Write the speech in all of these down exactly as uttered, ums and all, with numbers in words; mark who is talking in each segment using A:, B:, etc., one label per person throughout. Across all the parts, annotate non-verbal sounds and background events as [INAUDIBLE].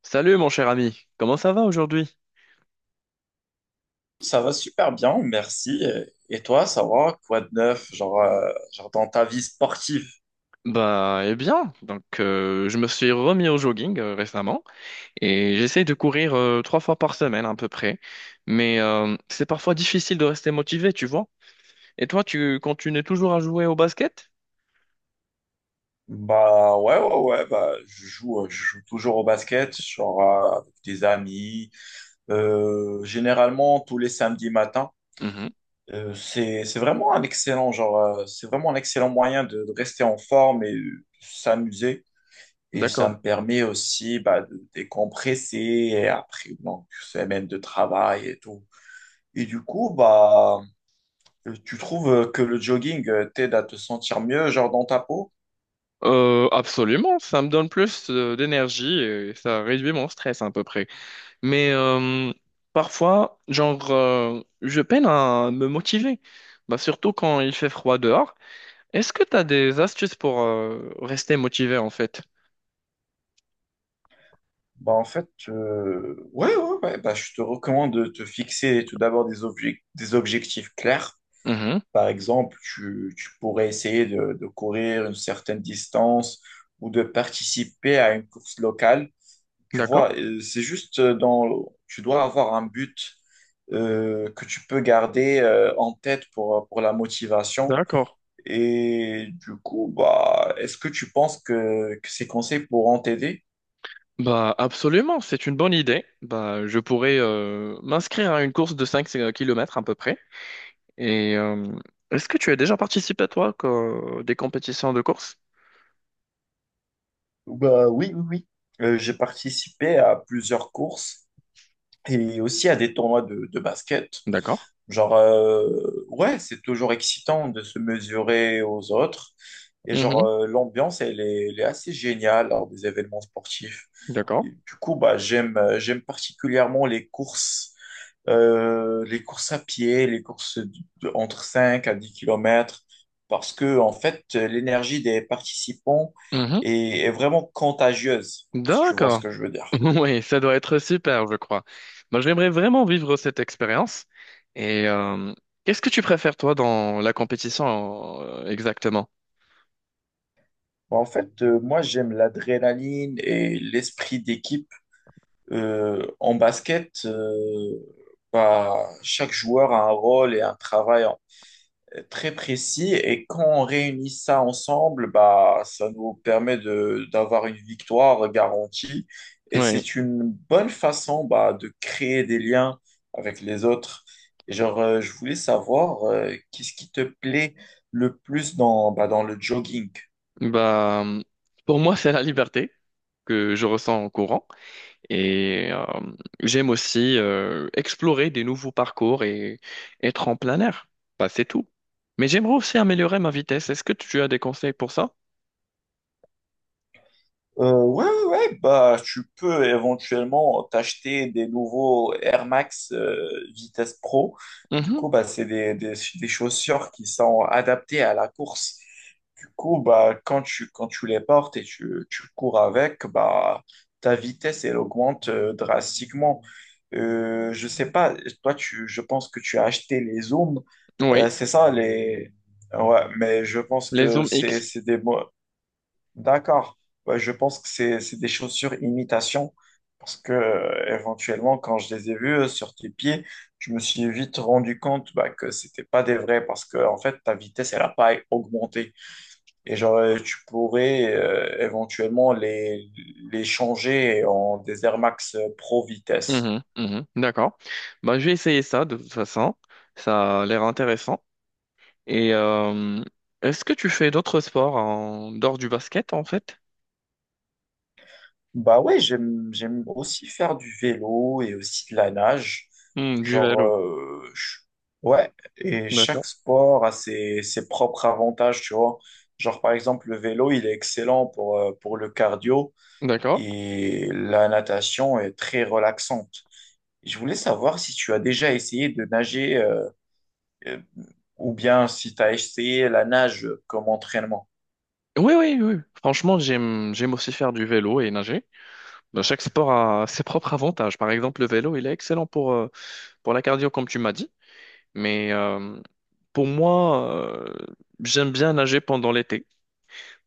A: Salut mon cher ami, comment ça va aujourd'hui?
B: Ça va super bien, merci. Et toi, ça va? Quoi de neuf? Genre, euh, genre dans ta vie sportive?
A: Bah, eh bien, donc euh, je me suis remis au jogging euh, récemment et j'essaye de courir euh, trois fois par semaine à peu près, mais euh, c'est parfois difficile de rester motivé, tu vois. Et toi, tu continues toujours à jouer au basket?
B: Bah ouais, ouais, ouais, bah je joue, euh, je joue toujours au basket, genre euh, avec des amis, euh, généralement tous les samedis matins.
A: Mhm,
B: Euh, c'est, c'est vraiment un excellent, genre, euh, c'est vraiment un excellent moyen de, de rester en forme et euh, s'amuser. Et ça
A: d'accord.
B: me permet aussi bah, de décompresser et après une longue semaine de travail et tout. Et du coup, bah, Euh, Tu trouves euh, que le jogging euh, t'aide à te sentir mieux, genre dans ta peau?
A: Euh, absolument, ça me donne plus euh, d'énergie et ça réduit mon stress à peu près. Mais euh, Parfois, genre, euh, je peine à me motiver, bah, surtout quand il fait froid dehors. Est-ce que tu as des astuces pour euh, rester motivé en fait?
B: Bah en fait, euh, ouais, ouais, ouais, bah, je te recommande de te fixer tout d'abord des objec- des objectifs clairs.
A: Mhm.
B: Par exemple, tu, tu pourrais essayer de, de courir une certaine distance ou de participer à une course locale. Tu
A: D'accord,
B: vois, euh, c'est juste euh, dans, tu dois avoir un but euh, que tu peux garder euh, en tête pour, pour la motivation.
A: d'accord.
B: Et du coup, bah, est-ce que tu penses que, que ces conseils pourront t'aider?
A: Bah absolument, c'est une bonne idée. Bah je pourrais euh, m'inscrire à une course de cinq euh, kilomètres à peu près. Et euh, Est-ce que tu as déjà participé toi à des compétitions de course?
B: Bah, oui, oui, oui. Euh, j'ai participé à plusieurs courses et aussi à des tournois de, de basket.
A: D'accord.
B: Genre, euh, ouais, c'est toujours excitant de se mesurer aux autres. Et genre,
A: Mhm.
B: euh, l'ambiance, elle est, elle est assez géniale lors des événements sportifs.
A: D'accord.
B: Et du coup, bah, j'aime, euh, j'aime particulièrement les courses, euh, les courses à pied, les courses de- de- entre cinq à dix kilomètres, parce que, en fait, l'énergie des participants
A: Mhm.
B: est, est vraiment contagieuse, si tu vois ce
A: D'accord.
B: que je veux
A: [LAUGHS]
B: dire.
A: Oui, ça doit être super, je crois. Bah, j'aimerais vraiment vivre cette expérience. Et euh, Qu'est-ce que tu préfères toi dans la compétition euh, exactement?
B: Bah, en fait, euh, moi, j'aime l'adrénaline et l'esprit d'équipe. Euh, en basket, euh, bah, chaque joueur a un rôle et un travail euh, très précis et quand on réunit ça ensemble, bah, ça nous permet de d'avoir une victoire garantie et
A: Oui.
B: c'est une bonne façon bah, de créer des liens avec les autres. Et genre, euh, je voulais savoir euh, qu'est-ce qui te plaît le plus dans, bah, dans le jogging.
A: Bah, hum, pour moi, c'est la liberté que je ressens en courant et euh, j'aime aussi euh, explorer des nouveaux parcours et être en plein air. Bah, c'est tout. Mais j'aimerais aussi améliorer ma vitesse. Est-ce que tu as des conseils pour ça?
B: Euh, ouais, ouais, ouais, bah, tu peux éventuellement t'acheter des nouveaux Air Max euh, Vitesse Pro. Du
A: Mhm.
B: coup, bah, c'est des, des, des chaussures qui sont adaptées à la course. Du coup, bah, quand tu, quand tu les portes et tu, tu cours avec, bah, ta vitesse, elle augmente euh, drastiquement. Euh, je sais pas, toi, tu, je pense que tu as acheté les Zooms. Euh,
A: Oui,
B: c'est ça, les... Ouais, mais je pense
A: les
B: que
A: zooms
B: c'est
A: X.
B: c'est des... mo- D'accord. Ouais, je pense que c'est c'est des chaussures imitation parce que euh, éventuellement quand je les ai vues euh, sur tes pieds, je me suis vite rendu compte bah, que c'était pas des vrais parce que en fait ta vitesse elle a pas augmenté et genre euh, tu pourrais euh, éventuellement les les changer en des Air Max euh, Pro vitesse.
A: Mhm, mhm. D'accord. Bah, je vais essayer ça de toute façon. Ça a l'air intéressant. Et euh, Est-ce que tu fais d'autres sports en dehors du basket en fait?
B: Bah ouais, j'aime j'aime aussi faire du vélo et aussi de la nage.
A: Hmm, du
B: Genre
A: vélo.
B: euh, je- ouais, et chaque
A: D'accord.
B: sport a ses, ses propres avantages, tu vois. Genre par exemple le vélo, il est excellent pour euh, pour le cardio
A: D'accord.
B: et la natation est très relaxante. Je voulais savoir si tu as déjà essayé de nager euh, euh, ou bien si tu as essayé la nage comme entraînement.
A: Oui, oui, oui. Franchement, j'aime, j'aime aussi faire du vélo et nager. Ben, chaque sport a ses propres avantages. Par exemple, le vélo, il est excellent pour, euh, pour la cardio, comme tu m'as dit. Mais euh, pour moi, euh, j'aime bien nager pendant l'été.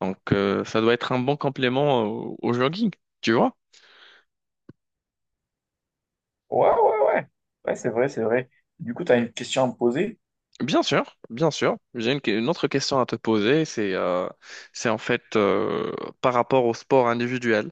A: Donc, euh, ça doit être un bon complément au, au jogging, tu vois?
B: Ouais, ouais, ouais. Ouais, c'est vrai, c'est vrai. Du coup, tu as une question à me poser?
A: Bien sûr, bien sûr. J'ai une, une autre question à te poser, c'est euh, c'est en fait euh, par rapport au sport individuel.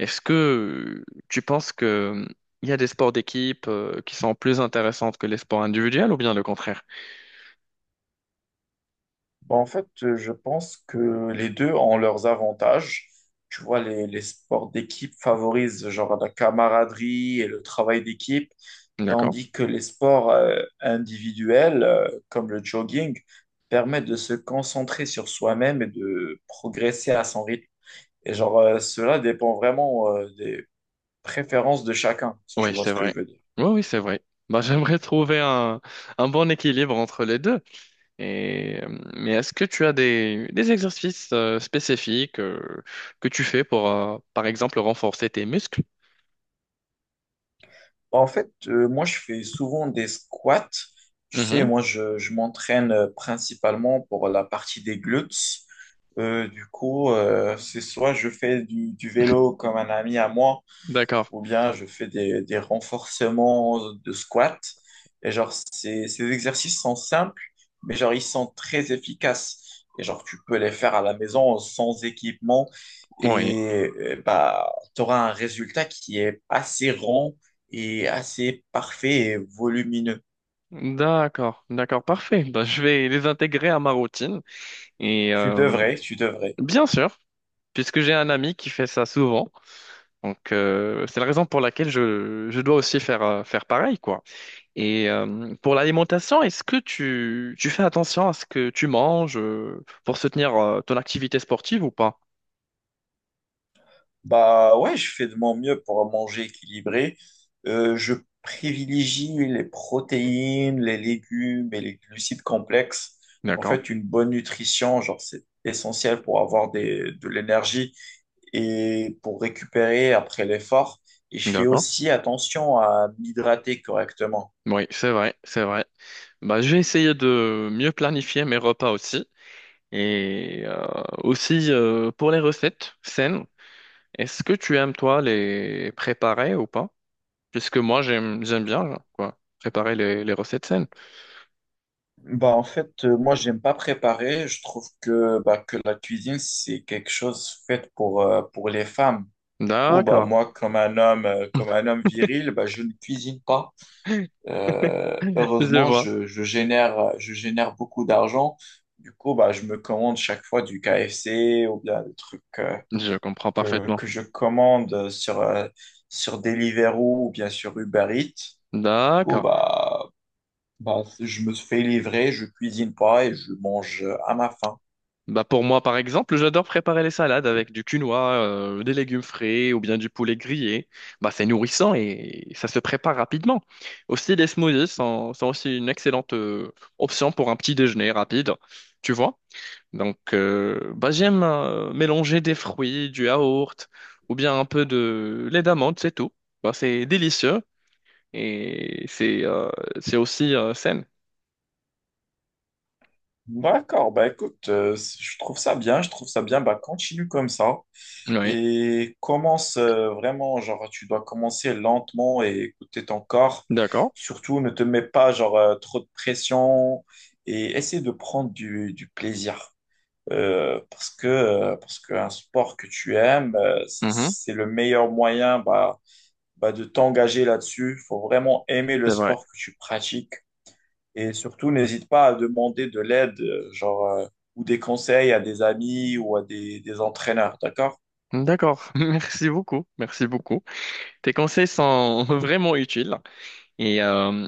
A: Est-ce que euh, Tu penses que euh, il y a des sports d'équipe euh, qui sont plus intéressants que les sports individuels ou bien le contraire?
B: Bah, en fait, euh, je pense que les deux ont leurs avantages. Tu vois, les, les sports d'équipe favorisent genre la camaraderie et le travail d'équipe,
A: D'accord.
B: tandis que les sports euh, individuels, euh, comme le jogging, permettent de se concentrer sur soi-même et de progresser à son rythme. Et genre, euh, cela dépend vraiment euh, des préférences de chacun, si tu
A: Oui,
B: vois
A: c'est
B: ce que je
A: vrai.
B: veux dire.
A: Oui, oui, c'est vrai. Bah, [LAUGHS] j'aimerais trouver un, un bon équilibre entre les deux. Et, euh, mais est-ce que tu as des, des exercices euh, spécifiques euh, que tu fais pour, euh, par exemple, renforcer tes muscles?
B: En fait, euh, moi, je fais souvent des squats. Tu sais,
A: Mhm.
B: moi, je, je m'entraîne euh, principalement pour la partie des glutes. Euh, du coup, euh, c'est soit je fais du, du vélo comme un ami à moi,
A: D'accord.
B: ou bien je fais des, des renforcements de squat. Et genre, ces, ces exercices sont simples, mais genre, ils sont très efficaces. Et genre, tu peux les faire à la maison sans équipement
A: Oui,
B: et euh, bah, tu auras un résultat qui est assez rond et assez parfait et volumineux.
A: d'accord, d'accord, parfait. Bah, je vais les intégrer à ma routine. Et
B: Tu
A: euh,
B: devrais, tu devrais.
A: Bien sûr, puisque j'ai un ami qui fait ça souvent, donc euh, c'est la raison pour laquelle je, je dois aussi faire, euh, faire pareil, quoi. Et euh, pour l'alimentation, est-ce que tu, tu fais attention à ce que tu manges euh, pour soutenir euh, ton activité sportive ou pas?
B: Bah ouais, je fais de mon mieux pour manger équilibré. Euh, je privilégie les protéines, les légumes et les glucides complexes. En
A: D'accord,
B: fait, une bonne nutrition, genre, c'est essentiel pour avoir des, de l'énergie et pour récupérer après l'effort. Et je fais
A: d'accord.
B: aussi attention à m'hydrater correctement.
A: Oui, c'est vrai, c'est vrai. Bah, je vais essayer de mieux planifier mes repas aussi. Et euh, aussi euh, pour les recettes saines, est-ce que tu aimes toi les préparer ou pas? Puisque moi j'aime j'aime bien quoi préparer les, les recettes saines.
B: Bah, en fait, euh, moi, j'aime pas préparer. Je trouve que, bah, que la cuisine, c'est quelque chose fait pour, euh, pour les femmes. Du coup, bah,
A: D'accord,
B: moi, comme un homme, euh, comme un homme viril, bah, je ne cuisine pas. Euh,
A: [LAUGHS] je
B: heureusement,
A: vois,
B: je, je génère, je génère beaucoup d'argent. Du coup, bah, je me commande chaque fois du K F C ou bien des trucs euh,
A: je comprends
B: que,
A: parfaitement.
B: que je commande sur, euh, sur Deliveroo ou bien sur Uber Eats. Du coup,
A: D'accord.
B: bah, bah, c'est- je me fais livrer, je cuisine pas et je mange à ma faim.
A: Bah pour moi par exemple, j'adore préparer les salades avec du quinoa, euh, des légumes frais ou bien du poulet grillé. Bah c'est nourrissant et ça se prépare rapidement. Aussi les smoothies sont, sont aussi une excellente euh, option pour un petit déjeuner rapide. Tu vois? Donc, euh, bah, j'aime euh, mélanger des fruits, du yaourt ou bien un peu de lait d'amande, c'est tout. Bah, c'est délicieux et c'est euh, c'est aussi euh, sain.
B: D'accord, bah écoute, euh, c- je trouve ça bien, je trouve ça bien, bah continue comme ça
A: Oui,
B: et commence euh, vraiment, genre tu dois commencer lentement et écouter ton corps.
A: d'accord.
B: Surtout, ne te mets pas genre euh, trop de pression et essaie de prendre du, du plaisir. Euh, parce que euh, parce qu'un sport que tu aimes, euh, ça,
A: Mhm,
B: c'est le meilleur moyen bah, bah, de t'engager là-dessus. Il faut vraiment aimer le
A: c'est vrai.
B: sport que tu pratiques. Et surtout, n'hésite pas à demander de l'aide, euh, genre, euh, ou des conseils à des amis ou à des, des entraîneurs, d'accord?
A: D'accord. [LAUGHS] Merci beaucoup. Merci beaucoup. Tes conseils sont [LAUGHS] vraiment utiles et euh,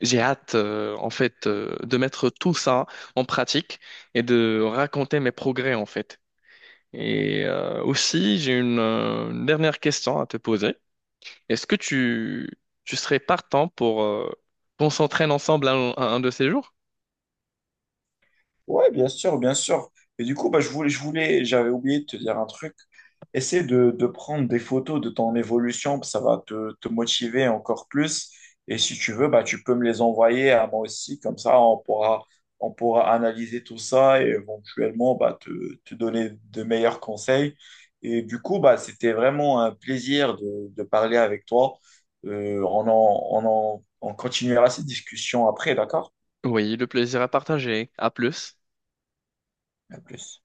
A: j'ai hâte euh, en fait euh, de mettre tout ça en pratique et de raconter mes progrès en fait. Et euh, aussi, j'ai une euh, une dernière question à te poser. Est-ce que tu, tu serais partant pour euh, qu'on s'entraîne ensemble un, un un de ces jours?
B: Ouais, bien sûr, bien sûr. Et du coup, bah, je voulais, je voulais, j'avais oublié de te dire un truc. Essaie de, de prendre des photos de ton évolution, ça va te, te motiver encore plus. Et si tu veux, bah, tu peux me les envoyer à moi aussi, comme ça on pourra, on pourra analyser tout ça et éventuellement bah, te, te donner de meilleurs conseils. Et du coup, bah, c'était vraiment un plaisir de, de parler avec toi. Euh, on en, on en, on continuera cette discussion après, d'accord?
A: Oui, le plaisir à partager. À plus.
B: À plus.